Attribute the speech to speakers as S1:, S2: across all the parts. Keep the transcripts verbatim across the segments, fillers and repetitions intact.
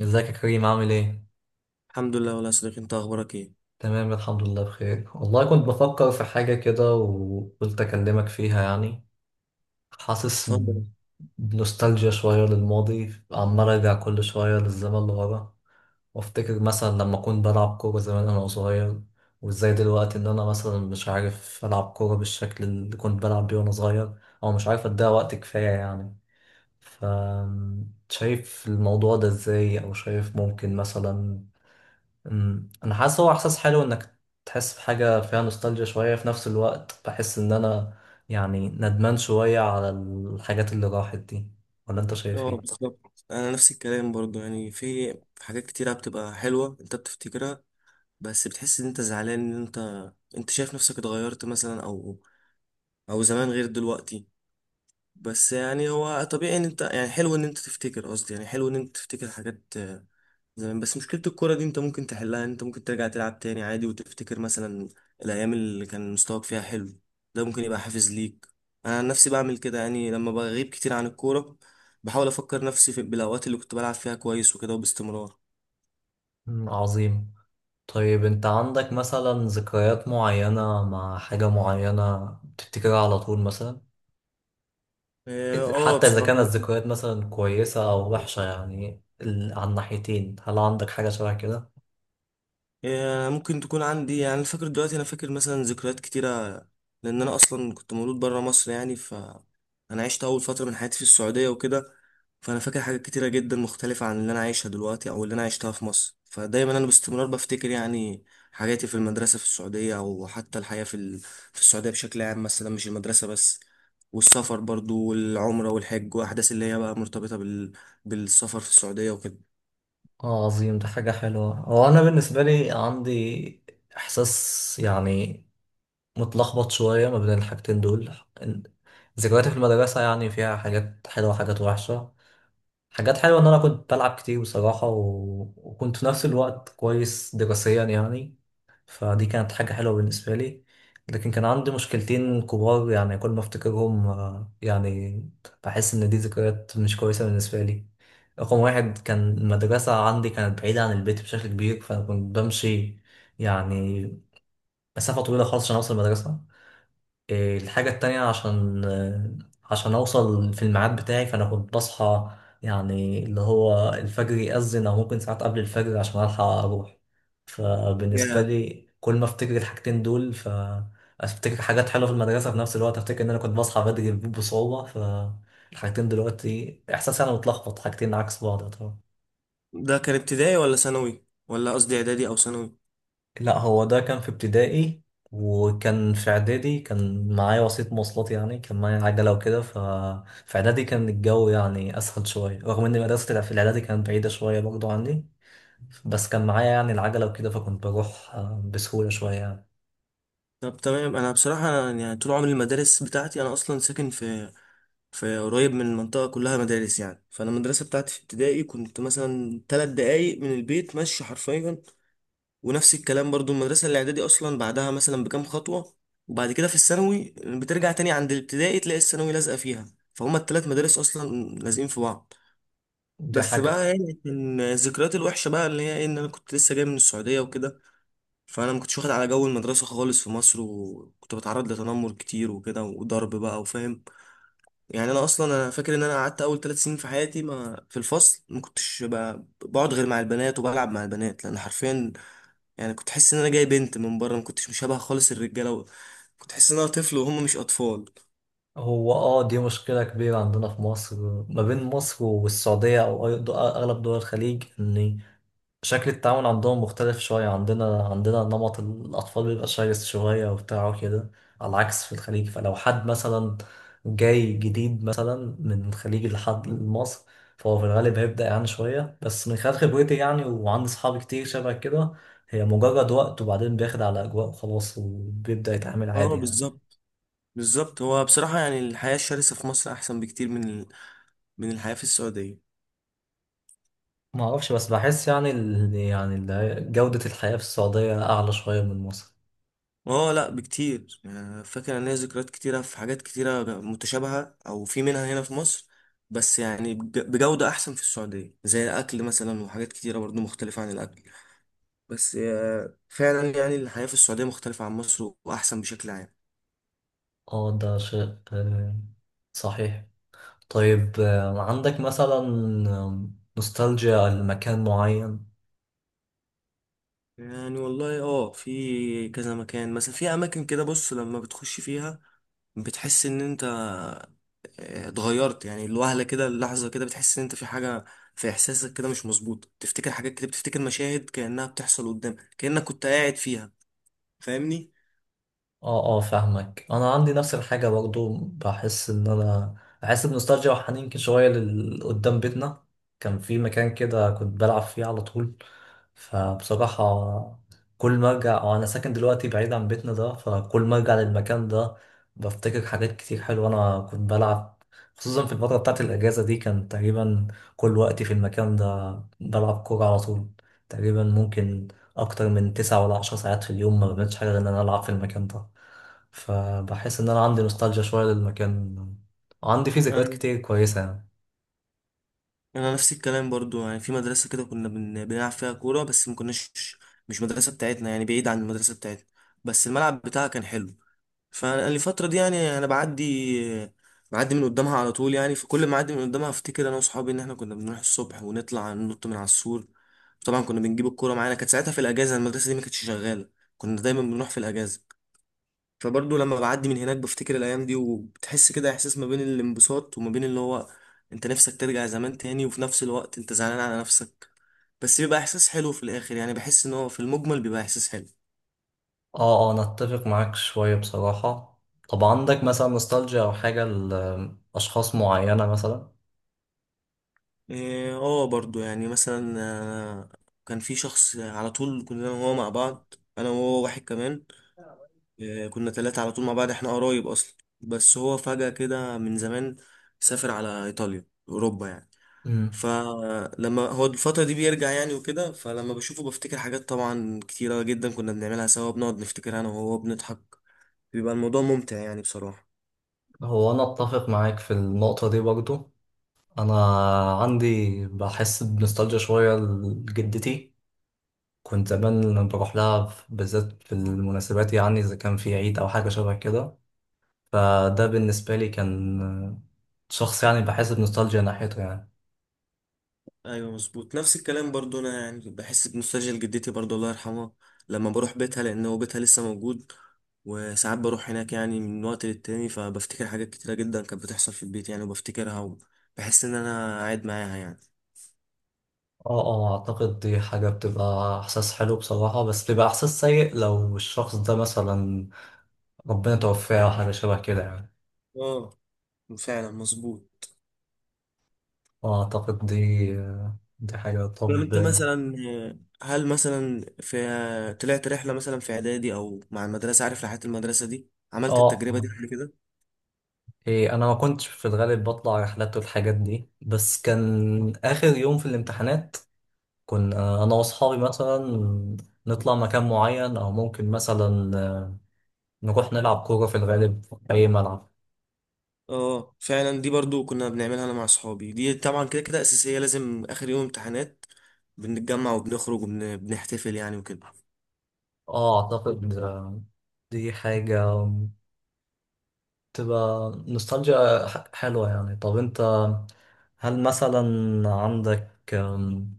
S1: ازيك يا كريم، عامل ايه؟
S2: الحمد لله والله يا صديقي، انت اخبارك ايه؟
S1: تمام الحمد لله بخير، والله كنت بفكر في حاجة كده وقلت أكلمك فيها يعني. حاسس
S2: اتفضل.
S1: بنوستالجيا شوية للماضي، عمال أرجع كل شوية للزمن اللي ورا، وأفتكر مثلا لما كنت بلعب كورة زمان أنا صغير، وإزاي دلوقتي إن أنا مثلا مش عارف ألعب كورة بالشكل اللي كنت بلعب بيه وأنا صغير، أو مش عارف أديها وقت كفاية يعني. ف شايف الموضوع ده إزاي؟ أو شايف ممكن مثلا؟ أمم، انا حاسس، هو احساس حلو انك تحس بحاجه فيها نوستالجيا شويه، في نفس الوقت بحس ان انا يعني ندمان شويه على الحاجات اللي راحت دي، ولا انت شايف
S2: اه،
S1: ايه؟
S2: بالظبط. انا نفس الكلام برضو، يعني في في حاجات كتيره بتبقى حلوه انت بتفتكرها، بس بتحس ان انت زعلان، ان انت انت شايف نفسك اتغيرت مثلا، او او زمان غير دلوقتي. بس يعني هو طبيعي ان انت، يعني حلو ان انت تفتكر، قصدي يعني حلو ان انت تفتكر حاجات زمان. بس مشكلة الكورة دي انت ممكن تحلها، انت ممكن ترجع تلعب تاني عادي وتفتكر مثلا الأيام اللي كان مستواك فيها حلو. ده ممكن يبقى حافز ليك. أنا عن نفسي بعمل كده، يعني لما بغيب كتير عن الكورة بحاول أفكر نفسي في بالأوقات اللي كنت بلعب فيها كويس وكده، وباستمرار.
S1: أمم، عظيم. طيب انت عندك مثلا ذكريات معينه مع حاجه معينه بتفتكرها على طول مثلا؟
S2: اه. آه،
S1: حتى اذا
S2: بصراحة،
S1: كانت ذكريات مثلا كويسه او وحشه، يعني ال- على الناحيتين، هل عندك حاجه شبه كده؟
S2: آه، ممكن تكون عندي. يعني أنا فاكر دلوقتي، انا فاكر مثلا ذكريات كتيره، لان انا اصلا كنت مولود بره مصر يعني. ف انا عشت اول فتره من حياتي في السعوديه وكده، فانا فاكر حاجات كتيره جدا مختلفه عن اللي انا عايشها دلوقتي او اللي انا عشتها في مصر، فدايما انا باستمرار بفتكر يعني حياتي في المدرسه في السعوديه، او حتى الحياه في ال- في السعوديه بشكل عام مثلا، مش المدرسه بس. والسفر برضو والعمره والحج واحداث اللي هي بقى مرتبطه بال... بالسفر في السعوديه وكده.
S1: اه عظيم، ده حاجة حلوة. هو أنا بالنسبة لي عندي إحساس يعني متلخبط شوية ما بين الحاجتين دول. إن- ذكرياتي في المدرسة يعني فيها حاجات حلوة وحاجات وحشة. حاجات حلوة إن أنا كنت بلعب كتير بصراحة، و... وكنت في نفس الوقت كويس دراسيا يعني، فدي كانت حاجة حلوة بالنسبة لي. لكن كان عندي مشكلتين كبار يعني، كل ما أفتكرهم آه، يعني بحس إن دي ذكريات مش كويسة بالنسبة لي. رقم واحد، كان المدرسة عندي كانت بعيدة عن البيت بشكل كبير، فأنا كنت بمشي يعني مسافة طويلة خالص عشان أوصل المدرسة. إيه، الحاجة التانية، عشان آه، عشان أوصل في الميعاد بتاعي فأنا كنت بصحى يعني اللي هو الفجر يأذن، أو ممكن ساعات قبل الفجر عشان ألحق أروح. فبالنسبة لي، كل ما أفتكر الحاجتين دول فأفتكر حاجات حلوة في المدرسة، في نفس الوقت أفتكر إن أنا كنت بصحى بدري بصعوبة، فالحاجتين دلوقتي إحساسي أنا متلخبط، حاجتين عكس بعض طبعا.
S2: ده كان ابتدائي ولا ثانوي، ولا قصدي اعدادي او ثانوي؟
S1: لا، هو ده كان في ابتدائي. وكان في اعدادي كان معايا وسيط مواصلات، يعني كان معايا عجله وكده، ففي اعدادي كان الجو يعني اسهل شويه، رغم ان المدرسه اللي في الاعدادي كانت بعيده شويه برضو عني، بس كان معايا يعني العجله وكده، فكنت بروح آه، بسهوله شويه يعني.
S2: طب تمام. انا بصراحه، أنا يعني طول عمري المدارس بتاعتي، انا اصلا ساكن في، في قريب من المنطقه كلها مدارس يعني، فانا المدرسه بتاعتي في ابتدائي كنت مثلا ثلاث دقايق من البيت ماشي حرفيا. ونفس الكلام برضو المدرسه الاعدادي اصلا بعدها مثلا بكام خطوه. وبعد كده في الثانوي بترجع تاني عند الابتدائي تلاقي الثانوي لازقه فيها، فهما الثلاث مدارس اصلا لازقين في بعض.
S1: دي
S2: بس
S1: حاجه.
S2: بقى يعني كان ذكريات الوحشه بقى اللي هي، إيه، ان انا كنت لسه جاي من السعوديه وكده، فانا ما كنتش واخد على جو المدرسه خالص في مصر، وكنت بتعرض لتنمر كتير وكده وضرب بقى، وفاهم يعني. انا اصلا، انا فاكر ان انا قعدت اول ثلاث سنين في حياتي ما في الفصل، ما كنتش ب- بقعد غير مع البنات وبلعب مع البنات، لان حرفيا يعني كنت حاسس ان انا جاي بنت من بره، ما كنتش مشابه خالص الرجاله و- كنت حاسس ان انا طفل وهم مش اطفال.
S1: هو اه، دي مشكله كبيره عندنا في مصر، ما بين مصر والسعوديه، او أي- دو- اغلب دول الخليج، ان شكل التعامل عندهم مختلف شوية عندنا عندنا نمط الأطفال بيبقى شرس شوية وبتاع كده، على العكس في الخليج. فلو حد مثلا جاي جديد مثلا من الخليج لحد لمصر، فهو في الغالب هيبدأ يعني شوية، بس من خلال خبرتي يعني، وعندي صحابي كتير شبه كده، هي مجرد وقت وبعدين بياخد على أجواء وخلاص وبيبدأ يتعامل
S2: اه
S1: عادي يعني.
S2: بالظبط. بالظبط. هو بصراحه يعني الحياه الشرسه في مصر احسن بكتير من ال- من الحياه في السعوديه.
S1: ما أعرفش، بس بحس يعني ال... يعني ال- جودة الحياة في السعودية أعلى شوية من مصر.
S2: اه لا، بكتير. يعني فاكر ان ليا ذكريات كتيره في حاجات كتيره متشابهه او في منها هنا في مصر، بس يعني بج- بجوده احسن في السعوديه، زي الاكل مثلا وحاجات كتيره برضو مختلفه عن الاكل. بس آه، فعلا يعني الحياه في السعوديه مختلفه عن مصر واحسن بشكل عام.
S1: اه ده شيء آه، صحيح. طيب آه، عندك مثلا آه، نوستالجيا لمكان معين؟
S2: يعني والله اه، في كذا مكان مثلا، في اماكن كده بص لما بتخش فيها بتحس ان انت آه، اتغيرت، يعني الوهلة كده، اللحظة كده بتحس ان انت في حاجة، في احساسك كده مش مظبوط، تفتكر حاجات كده، بتفتكر مشاهد كأنها بتحصل قدامك كأنك كنت قاعد فيها. فاهمني؟
S1: اه اه، فاهمك. انا عندي نفس الحاجه برضو، بحس ان انا بحس بنوستالجيا وحنين كده شويه لل- قدام بيتنا كان في مكان كده كنت بلعب فيه على طول. فبصراحه كل ما ارجع، وانا ساكن دلوقتي بعيد عن بيتنا ده، فكل ما ارجع للمكان ده بفتكر حاجات كتير حلوه انا كنت بلعب. خصوصا في الفتره بتاعت الاجازه دي كان تقريبا كل وقتي في المكان ده، بلعب كوره على طول، تقريبا ممكن اكتر من تسعة ولا عشر ساعات في اليوم ما بعملش حاجه غير ان انا العب في المكان ده. فبحس ان انا عندي نوستالجيا شويه للمكان، وعندي فيه ذكريات
S2: انا،
S1: كتير كويسه يعني.
S2: أنا نفس الكلام برضو، يعني في مدرسة كده كنا بن- بنلعب فيها كورة، بس ما كناش، مش مدرسة بتاعتنا يعني، بعيد عن المدرسة بتاعتنا، بس الملعب بتاعها كان حلو. فالفترة دي يعني أنا بعدي بعدي من قدامها على طول يعني، فكل ما أعدي من قدامها أفتكر أنا وأصحابي إن إحنا كنا بنروح الصبح ونطلع ننط من على السور. طبعا كنا بنجيب الكورة معانا، كانت ساعتها في الأجازة، المدرسة دي ما كانتش شغالة، كنا دايما بنروح في الأجازة. فبرضه لما بعدي من هناك بفتكر الأيام دي، وبتحس كده إحساس ما بين الانبساط وما بين اللي هو، أنت نفسك ترجع زمان تاني، وفي نفس الوقت أنت زعلان على نفسك. بس بيبقى إحساس حلو في الآخر، يعني بحس إن هو في المجمل بيبقى إحساس حلو.
S1: اه اه، انا اتفق معاك شويه بصراحه. طب عندك مثلا نوستالجيا او حاجه لاشخاص معينه مثلا؟
S2: إيه، اه، برضو يعني مثلا، آه، كان في شخص على طول كنا انا وهو مع بعض، انا وهو واحد كمان، آه، كنا ثلاثة على طول مع بعض، احنا قرايب اصلا، بس هو فجأة كده من زمان سافر على ايطاليا، اوروبا يعني.
S1: امم.
S2: فلما هو الفترة دي بيرجع يعني وكده، فلما بشوفه بفتكر حاجات طبعا كتيرة جدا كنا بنعملها سوا، بنقعد نفتكر انا وهو، بنضحك. بيبقى الموضوع ممتع يعني بصراحة.
S1: هو انا اتفق معاك في النقطه دي برضو. انا عندي بحس بنوستالجيا شويه لجدتي، كنت زمان لما بروح لها بالذات في المناسبات، يعني اذا كان في عيد او حاجه شبه كده، فده بالنسبة لي كان شخص يعني بحس بنوستالجيا ناحيته يعني.
S2: ايوه مظبوط، نفس الكلام برضو. انا يعني بحس بنوستالجيا لجدتي برضو، الله يرحمها، لما بروح بيتها، لان هو بيتها لسه موجود، وساعات بروح هناك يعني من وقت للتاني، فبفتكر حاجات كتيرة جدا كانت بتحصل في البيت يعني وبفتكرها، وبحس ان انا قاعد معاها يعني.
S1: اه اه، اعتقد دي حاجة بتبقى احساس حلو بصراحة، بس بيبقى احساس سيء لو الشخص ده مثلا ربنا توفاه او حاجة شبه كده يعني.
S2: اه فعلا مظبوط.
S1: اه اعتقد دي دي حاجة.
S2: طب
S1: طب،
S2: انت مثلا، آه، هل مثلا في، طلعت رحلة مثلا في اعدادي او مع المدرسة؟ عارف رحلات المدرسة دي؟
S1: اه
S2: عملت التجربة دي
S1: آه.
S2: قبل كده؟
S1: إيه، انا ما كنتش في الغالب بطلع رحلات والحاجات دي، بس كان اخر يوم في الامتحانات كنا انا واصحابي مثلا نطلع مكان معين، او ممكن مثلا نروح نلعب كورة في الغالب في أي ملعب.
S2: اه فعلا، دي برضو كنا بنعملها انا مع صحابي، دي طبعا كده كده اساسيه، لازم اخر يوم امتحانات بنتجمع وبنخرج وبنحتفل يعني وكده.
S1: اه أعتقد آه، دي حاجة تبقى نوستالجيا ح- حلوة يعني. طب أنت، هل مثلا عندك آم،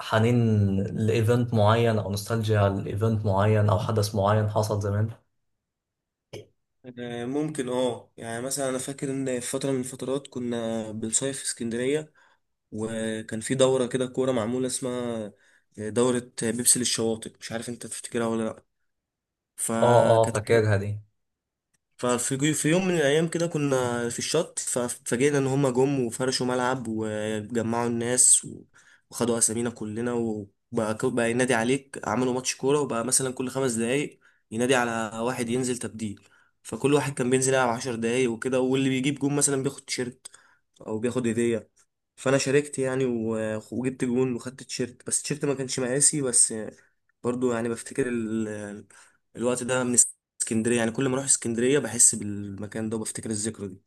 S1: حنين لإيفنت معين، أو نوستالجيا لإيفنت معين، أو حدث معين حصل زمان؟
S2: آه، ممكن، اه. يعني مثلا انا فاكر ان في فتره من الفترات كنا بنصيف في اسكندريه، وكان في دوره كده كوره معموله اسمها دوره بيبسي للشواطئ، مش عارف انت تفتكرها ولا لا.
S1: اه اه،
S2: فكانت،
S1: فاكرها دي.
S2: ففي في يوم من الأيام كده كنا في الشط، ففاجئنا إن هما جم وفرشوا ملعب وجمعوا الناس و- وخدوا أسامينا كلنا، وبقى ك- بقى ينادي عليك، عملوا ماتش كورة وبقى مثلا كل خمس دقايق ينادي على واحد ينزل تبديل. فكل واحد كان بينزل يلعب عشر دقايق وكده، واللي بيجيب جون مثلا بياخد تيشيرت أو بياخد هدية. فأنا شاركت يعني و- وجبت جون وخدت تيشيرت، بس التيشيرت ما كانش مقاسي. بس برضو يعني بفتكر ال- الوقت ده من اسكندريه، يعني كل ما اروح اسكندريه بحس بالمكان ده وبفتكر الذكرى دي.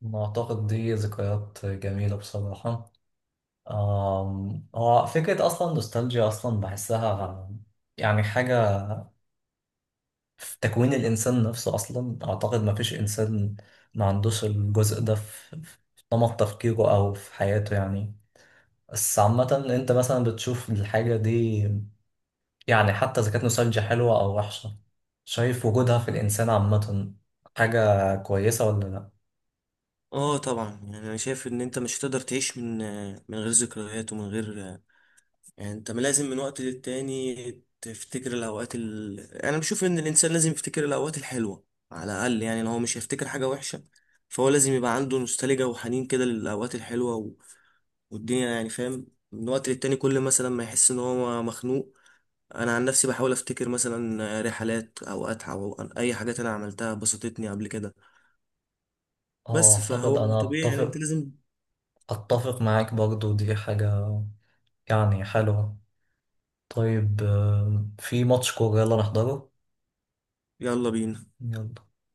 S1: ما أعتقد دي ذكريات جميلة بصراحة. آم، هو فكرة أصلا نوستالجيا أصلا بحسها يعني حاجة في تكوين الإنسان نفسه أصلا، أعتقد ما فيش إنسان ما عندوش الجزء ده في في نمط تفكيره أو في حياته يعني. بس عامة أنت مثلا بتشوف الحاجة دي، يعني حتى إذا كانت نوستالجيا حلوة أو وحشة، شايف وجودها في الإنسان عامة حاجة كويسة ولا لأ؟
S2: اه طبعا. يعني انا شايف ان انت مش هتقدر تعيش من، من غير ذكريات ومن غير، يعني انت لازم من وقت للتاني تفتكر الاوقات ال... انا بشوف ان الانسان لازم يفتكر الاوقات الحلوه على الاقل. يعني لو هو مش هيفتكر حاجه وحشه، فهو لازم يبقى عنده نوستالجيا وحنين كده للاوقات الحلوه و... والدنيا يعني، فاهم. من وقت للتاني كل مثلا ما يحس ان هو مخنوق، انا عن نفسي بحاول افتكر مثلا رحلات او اتعه او اي حاجات انا عملتها بسطتني قبل كده.
S1: آه
S2: بس
S1: أعتقد
S2: فهو
S1: أنا
S2: طبيعي يعني انت
S1: أتفق
S2: لازم.
S1: أتفق معاك برضو، دي حاجة يعني حلوة. طيب آم، في ماتش كورة، يلا نحضره.
S2: يلا بينا.
S1: يلا.